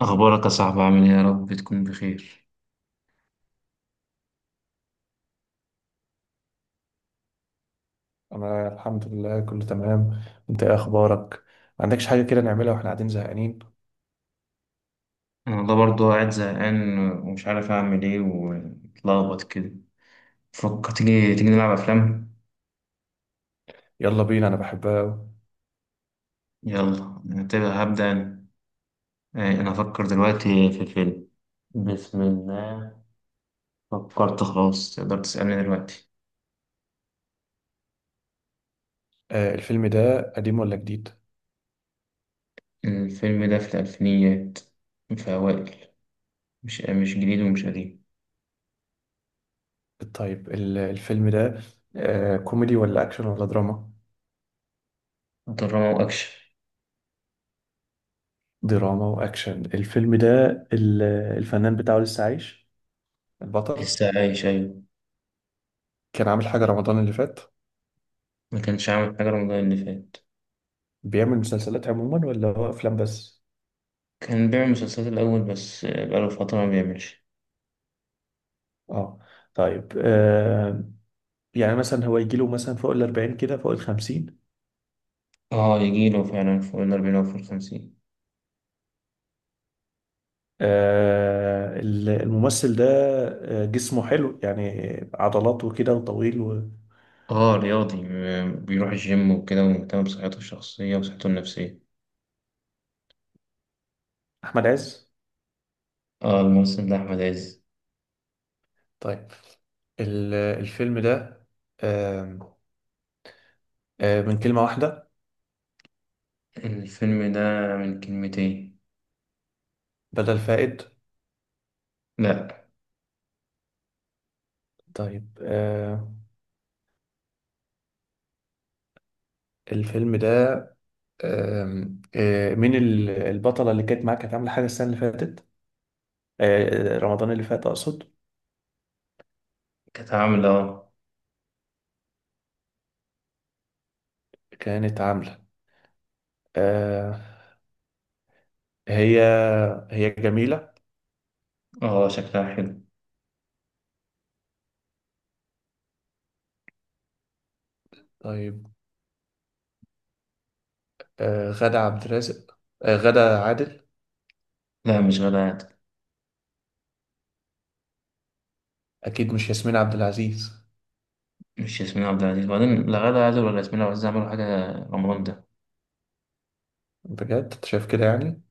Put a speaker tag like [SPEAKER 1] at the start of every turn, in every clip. [SPEAKER 1] أخبارك يا صاحبي، عامل إيه؟ يا رب تكون بخير.
[SPEAKER 2] انا الحمد لله كله تمام. انت ايه اخبارك؟ ما عندكش حاجه كده نعملها واحنا قاعدين زهقانين؟
[SPEAKER 1] أنا والله برضه قاعد زهقان ومش عارف أعمل إيه ومتلخبط كده. فكر، تيجي تيجي نلعب أفلام.
[SPEAKER 2] يلا بينا انا بحبها أوي.
[SPEAKER 1] يلا أنا هبدأ أنا. آه، أنا أفكر دلوقتي في فيلم. بسم الله. فكرت خلاص، تقدر تسألني دلوقتي.
[SPEAKER 2] آه، الفيلم ده قديم ولا جديد؟
[SPEAKER 1] الفيلم ده في الألفينيات، في أوائل. مش جديد ومش قديم.
[SPEAKER 2] طيب، الفيلم ده كوميدي ولا اكشن ولا دراما؟
[SPEAKER 1] دراما وأكشن.
[SPEAKER 2] دراما واكشن الفيلم ده. ال- الفنان بتاعه لسه عايش؟ البطل.
[SPEAKER 1] لسه عايش، أيوة.
[SPEAKER 2] كان عامل حاجه رمضان اللي فات؟
[SPEAKER 1] ما كانش عامل حاجة رمضان اللي فات.
[SPEAKER 2] بيعمل مسلسلات عموما ولا هو افلام بس؟
[SPEAKER 1] كان بيعمل مسلسلات الأول بس بقاله فترة ما بيعملش.
[SPEAKER 2] اه. طيب. يعني مثلا هو يجيله مثلا فوق ال 40 كده فوق ال 50؟
[SPEAKER 1] اه، يجيله فعلا فوق 40 أو فوق 50.
[SPEAKER 2] الممثل ده جسمه حلو يعني؟ عضلات وكده وطويل
[SPEAKER 1] اه، رياضي، بيروح الجيم وكده ومهتم بصحته الشخصية وصحته النفسية.
[SPEAKER 2] أحمد عز.
[SPEAKER 1] اه، الممثل ده أحمد عز.
[SPEAKER 2] طيب، الفيلم ده آم، آه، من كلمة واحدة؟
[SPEAKER 1] الفيلم ده من كلمتين.
[SPEAKER 2] بدل فائد؟
[SPEAKER 1] لأ.
[SPEAKER 2] طيب. الفيلم ده آم، آه، مين البطلة اللي كانت معاك كانت عاملة حاجة السنة اللي فاتت؟ رمضان اللي فات أقصد.
[SPEAKER 1] كانت عاملة، اه.
[SPEAKER 2] كانت عاملة. آه، هي هي جميلة؟
[SPEAKER 1] اه، شكلها حلو.
[SPEAKER 2] طيب. غادة عبد الرازق؟ غادة عادل؟
[SPEAKER 1] لا، مش غادة عادل.
[SPEAKER 2] اكيد مش ياسمين عبد العزيز؟
[SPEAKER 1] مش ياسمين عبد العزيز، وبعدين لا غادة عادل ولا ياسمين عبد العزيز عملوا حاجة رمضان ده.
[SPEAKER 2] بجد انت شايف كده يعني؟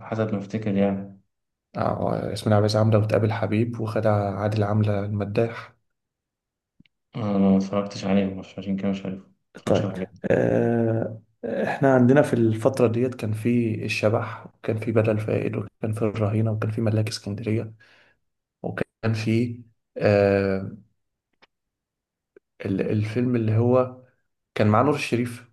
[SPEAKER 1] حسب ما أفتكر يعني.
[SPEAKER 2] اه، ياسمين عبد العزيز عامله وتقابل حبيب وخدع، عادل عامله المداح.
[SPEAKER 1] آه، أنا ما اتفرجتش عليهم عشان كده مش عارف. متفرجش على
[SPEAKER 2] طيب.
[SPEAKER 1] حاجة.
[SPEAKER 2] احنا عندنا في الفترة ديت كان في الشبح وكان في بدل فائد وكان في الرهينه وكان في ملاك اسكندريه وكان في آه الفيلم اللي هو كان مع نور الشريف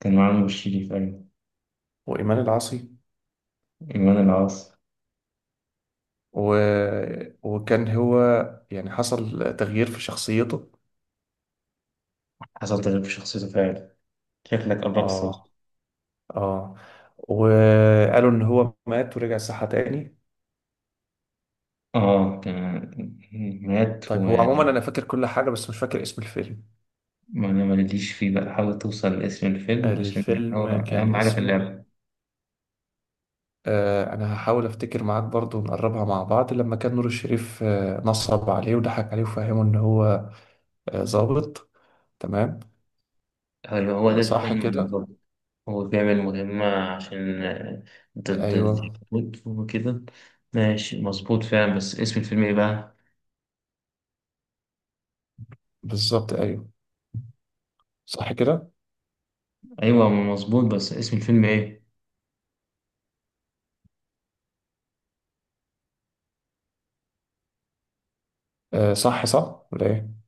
[SPEAKER 1] كان معاهم الشريف، أيوة.
[SPEAKER 2] وإيمان العاصي
[SPEAKER 1] إيمان العاصي.
[SPEAKER 2] و... وكان هو يعني حصل تغيير في شخصيته.
[SPEAKER 1] حصل تغيير في شخصيته فعلا. شكلك قربت توصل.
[SPEAKER 2] اه اه. وقالوا ان هو مات ورجع صحة تاني.
[SPEAKER 1] آه كان. مات
[SPEAKER 2] طيب هو عموما
[SPEAKER 1] وما.
[SPEAKER 2] انا فاكر كل حاجة بس مش فاكر اسم الفيلم.
[SPEAKER 1] أنا ماليش فيه بقى، حاول توصل لاسم الفيلم عشان هو
[SPEAKER 2] الفيلم
[SPEAKER 1] أهم
[SPEAKER 2] كان
[SPEAKER 1] حاجة في
[SPEAKER 2] اسمه
[SPEAKER 1] اللعبة.
[SPEAKER 2] انا هحاول افتكر معاك برضو نقربها مع بعض لما كان نور الشريف نصب عليه وضحك عليه وفهمه ان هو ظابط. تمام.
[SPEAKER 1] هو هو
[SPEAKER 2] آه،
[SPEAKER 1] ده
[SPEAKER 2] صح
[SPEAKER 1] الفيلم
[SPEAKER 2] كده.
[SPEAKER 1] بالظبط. هو بيعمل مهمة عشان ضد
[SPEAKER 2] ايوه
[SPEAKER 1] اليهود وكده. ماشي، مظبوط فعلا، بس اسم الفيلم إيه بقى؟
[SPEAKER 2] بالظبط ايوه. صح كده.
[SPEAKER 1] أيوة مظبوط، بس اسم الفيلم إيه؟
[SPEAKER 2] آه صح صح ولا ايه؟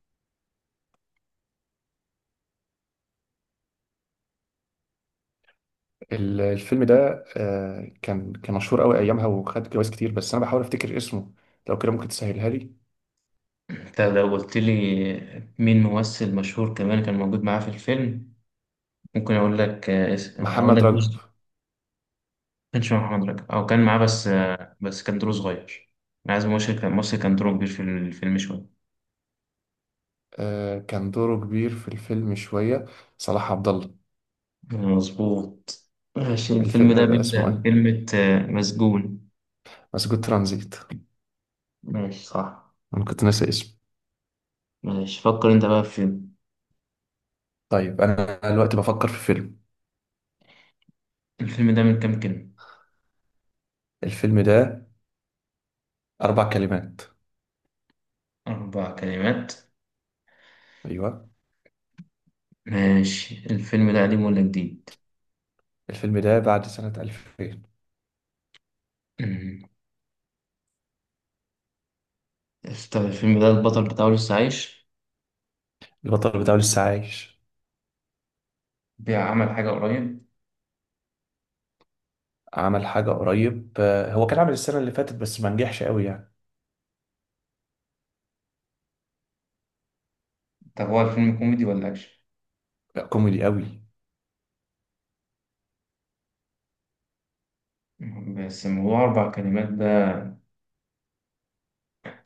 [SPEAKER 2] الفيلم ده كان مشهور قوي ايامها وخد جوائز كتير بس انا بحاول افتكر اسمه. لو كده ممكن تسهلها لي؟
[SPEAKER 1] أنت لو قلت لي مين ممثل مشهور كمان كان موجود معاه في الفيلم، ممكن أقول لك أقول
[SPEAKER 2] محمد
[SPEAKER 1] لك.
[SPEAKER 2] رجب؟
[SPEAKER 1] كانش مع محمد رجب او كان معاه، بس بس كان دور صغير. انا عايز مصر كان مصر كان دوره كبير في الفيلم شويه.
[SPEAKER 2] آه كان دوره كبير في الفيلم شوية. صلاح عبد الله.
[SPEAKER 1] مظبوط. ماشي، الفيلم ده
[SPEAKER 2] الفيلم بيبقى
[SPEAKER 1] بيبدأ
[SPEAKER 2] اسمه ايه؟
[SPEAKER 1] بكلمة مسجون.
[SPEAKER 2] مسجون ترانزيت.
[SPEAKER 1] ماشي، صح.
[SPEAKER 2] انا كنت ناسي اسمه.
[SPEAKER 1] ماشي، فكر انت بقى في فيلم.
[SPEAKER 2] طيب انا دلوقتي بفكر في فيلم.
[SPEAKER 1] الفيلم ده من كام كلمة؟
[SPEAKER 2] الفيلم ده اربع كلمات.
[SPEAKER 1] أربع كلمات.
[SPEAKER 2] ايوه.
[SPEAKER 1] ماشي، الفيلم ده قديم ولا جديد؟
[SPEAKER 2] الفيلم ده بعد سنة 2000.
[SPEAKER 1] أمم. طب الفيلم ده البطل بتاعه لسه عايش؟
[SPEAKER 2] البطل بتاعه لسه عايش.
[SPEAKER 1] بيعمل حاجة قريب؟
[SPEAKER 2] عمل حاجة قريب. هو كان عامل السنة اللي فاتت بس ما نجحش قوي يعني.
[SPEAKER 1] طب هو الفيلم كوميدي ولا أكشن؟
[SPEAKER 2] كوميدي قوي.
[SPEAKER 1] بس ما هو أربع كلمات ده.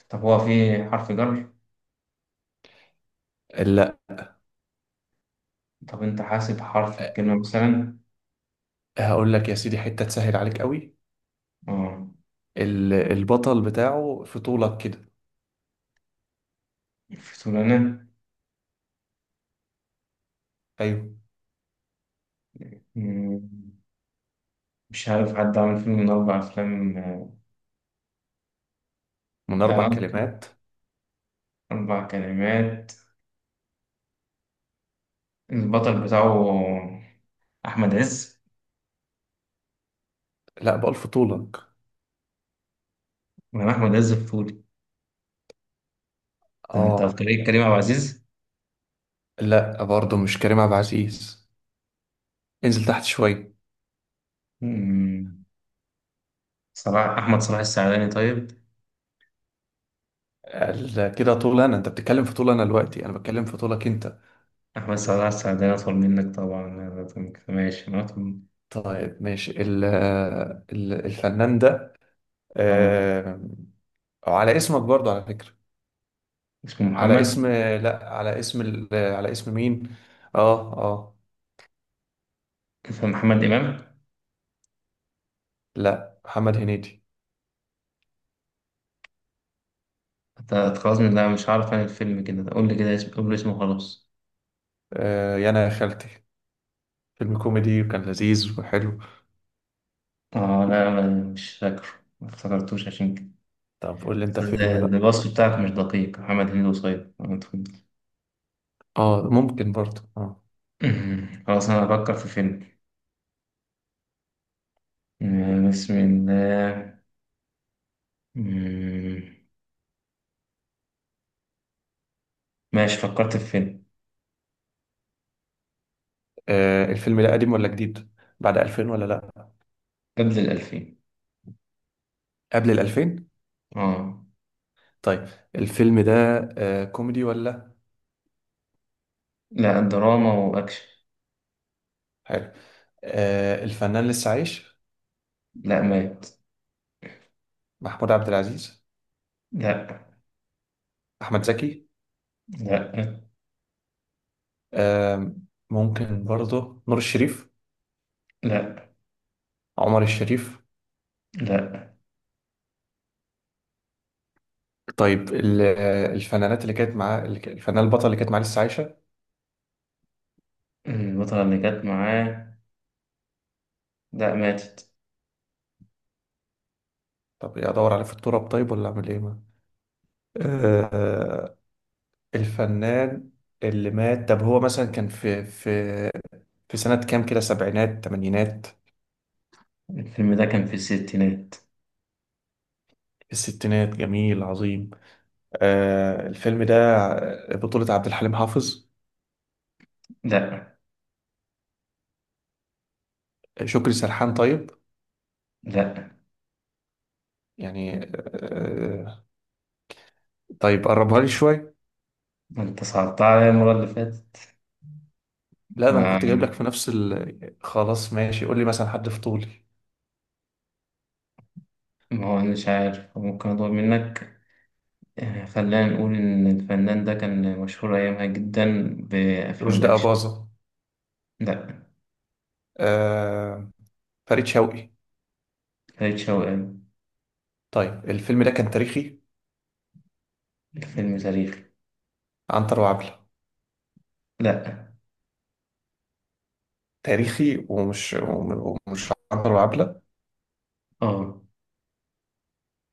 [SPEAKER 1] طب هو فيه حرف جر؟
[SPEAKER 2] لا.
[SPEAKER 1] طب أنت حاسب حرف الكلمة مثلا؟
[SPEAKER 2] هقول لك يا سيدي حتة تسهل عليك قوي.
[SPEAKER 1] آه،
[SPEAKER 2] البطل بتاعه في طولك كده.
[SPEAKER 1] الفتولانة.
[SPEAKER 2] ايوه.
[SPEAKER 1] مم، مش عارف حد عمل فيلم من أربع أفلام،
[SPEAKER 2] من
[SPEAKER 1] يعني
[SPEAKER 2] اربع
[SPEAKER 1] قصدي
[SPEAKER 2] كلمات.
[SPEAKER 1] أربع كلمات. البطل بتاعه أحمد عز،
[SPEAKER 2] لا بألف طولك.
[SPEAKER 1] ولا أحمد عز الفولي؟ أنت
[SPEAKER 2] اه
[SPEAKER 1] أفكاري كريم عبد العزيز.
[SPEAKER 2] لا برضه مش كريم عبد العزيز. انزل تحت شوية.
[SPEAKER 1] مم، صلاح أحمد صلاح السعداني طيب؟
[SPEAKER 2] كده طول انا انت بتتكلم في طول انا دلوقتي انا بتكلم في طولك انت.
[SPEAKER 1] أحمد صلاح السعداني أطول منك طبعا لازم كده، ماشي أنا أطول.
[SPEAKER 2] طيب ماشي الفنان ده.
[SPEAKER 1] آه.
[SPEAKER 2] آه على اسمك برضه على فكرة.
[SPEAKER 1] اسمه
[SPEAKER 2] على
[SPEAKER 1] محمد.
[SPEAKER 2] اسم، لا على اسم على اسم مين؟ اه اه.
[SPEAKER 1] اسمه محمد إمام.
[SPEAKER 2] لا محمد هنيدي.
[SPEAKER 1] أنت خلاص من ده مش عارف عن الفيلم، كده قول لي كده اسم، قول لي اسمه خلاص.
[SPEAKER 2] يا انا يا خالتي. فيلم كوميدي وكان لذيذ وحلو.
[SPEAKER 1] اه، لا، مش فاكره. ما افتكرتوش عشان كده.
[SPEAKER 2] طب قول لي انت
[SPEAKER 1] ال-
[SPEAKER 2] فيلم بقى.
[SPEAKER 1] الوصف بتاعك مش دقيق، محمد هنيدي وصيد، آه، اتفضل.
[SPEAKER 2] اه ممكن برضه اه.
[SPEAKER 1] خلاص، انا هفكر في فيلم. آه، بسم الله. مم، ماشي، فكرت في فيلم.
[SPEAKER 2] الفيلم ده قديم ولا جديد؟ بعد 2000 ولا لا؟
[SPEAKER 1] قبل 2000.
[SPEAKER 2] قبل ال 2000؟
[SPEAKER 1] اه.
[SPEAKER 2] طيب الفيلم ده كوميدي ولا؟
[SPEAKER 1] لا، دراما وأكشن.
[SPEAKER 2] حلو. الفنان لسه عايش؟
[SPEAKER 1] لا، مات.
[SPEAKER 2] محمود عبد العزيز؟
[SPEAKER 1] لا.
[SPEAKER 2] احمد زكي؟
[SPEAKER 1] لا.
[SPEAKER 2] آه، ممكن برضه نور الشريف؟
[SPEAKER 1] لا.
[SPEAKER 2] عمر الشريف؟
[SPEAKER 1] لا.
[SPEAKER 2] طيب الفنانات اللي كانت معاه اللي الفنان البطل اللي كانت معاه لسه عايشه؟
[SPEAKER 1] البطلة اللي كانت معاه، لا، ماتت.
[SPEAKER 2] طب ادور عليه في التراب طيب ولا اعمل ايه ما آه، الفنان اللي مات طب هو مثلا كان في في سنة كام كده سبعينات تمانينات؟
[SPEAKER 1] الفيلم ده كان في الستينات.
[SPEAKER 2] في الستينات جميل عظيم. آه الفيلم ده بطولة عبد الحليم حافظ؟
[SPEAKER 1] لا.
[SPEAKER 2] شكري سرحان؟ طيب
[SPEAKER 1] لا.
[SPEAKER 2] يعني آه. طيب قربها لي شوية.
[SPEAKER 1] ما انت صعبتها عليا المرة اللي فاتت.
[SPEAKER 2] لا ده انا كنت جايب لك
[SPEAKER 1] ما
[SPEAKER 2] في نفس خلاص ماشي قول لي مثلا حد في طولي.
[SPEAKER 1] ما هو أنا مش عارف، ممكن أطلب منك. يعني خلينا نقول إن الفنان ده كان مشهور أيامها جدا بأفلام
[SPEAKER 2] رشدي
[SPEAKER 1] الأكشن.
[SPEAKER 2] أباظة؟
[SPEAKER 1] لأ.
[SPEAKER 2] آه فريد شوقي؟
[SPEAKER 1] فريد شوقي، أيوة.
[SPEAKER 2] طيب الفيلم ده كان تاريخي؟
[SPEAKER 1] الفيلم تاريخي.
[SPEAKER 2] عنتر وعبلة؟
[SPEAKER 1] لأ.
[SPEAKER 2] تاريخي ومش عنتر وعبلة.
[SPEAKER 1] آه.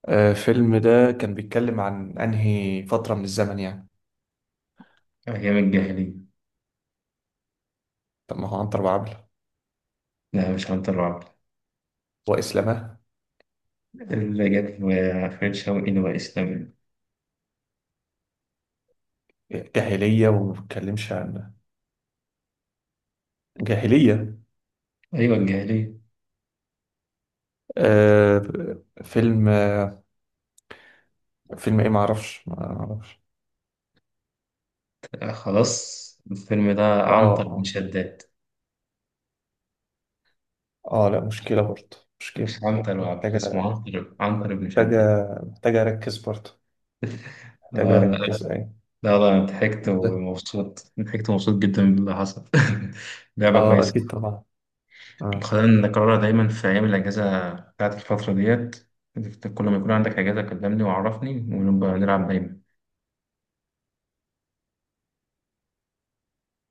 [SPEAKER 2] آه الفيلم ده كان بيتكلم عن انهي فترة من الزمن يعني؟
[SPEAKER 1] أيام الجاهلية.
[SPEAKER 2] طب ما هو عنتر وعبلة
[SPEAKER 1] لا، مش عنتر وعبد،
[SPEAKER 2] وإسلامه.
[SPEAKER 1] اللي جت. فريد شوقي اللي هو إسلامي.
[SPEAKER 2] جاهلية وما بتكلمش عن جاهلية.
[SPEAKER 1] أيوة، الجاهلية.
[SPEAKER 2] آه فيلم آه فيلم ايه؟ معرفش معرفش.
[SPEAKER 1] آه، خلاص. الفيلم ده
[SPEAKER 2] اه
[SPEAKER 1] عنتر بن
[SPEAKER 2] اه
[SPEAKER 1] شداد.
[SPEAKER 2] اه، لا مشكلة برضه مشكلة.
[SPEAKER 1] مش عنتر وعبد، اسمه
[SPEAKER 2] محتاجة
[SPEAKER 1] عنتر، عنتر بن شداد.
[SPEAKER 2] محتاجة محتاجة أركز برضه محتاجة
[SPEAKER 1] آه.
[SPEAKER 2] أركز أيوة.
[SPEAKER 1] لا، لا، أنا ضحكت ومبسوط، ضحكت ومبسوط جدا باللي حصل. لعبة
[SPEAKER 2] اه
[SPEAKER 1] كويسة.
[SPEAKER 2] أكيد طبعا. آه.
[SPEAKER 1] خلينا نكررها دايما في أيام الأجازة بتاعت الفترة ديت. كل ما يكون عندك أجازة كلمني وعرفني ونبقى نلعب دايما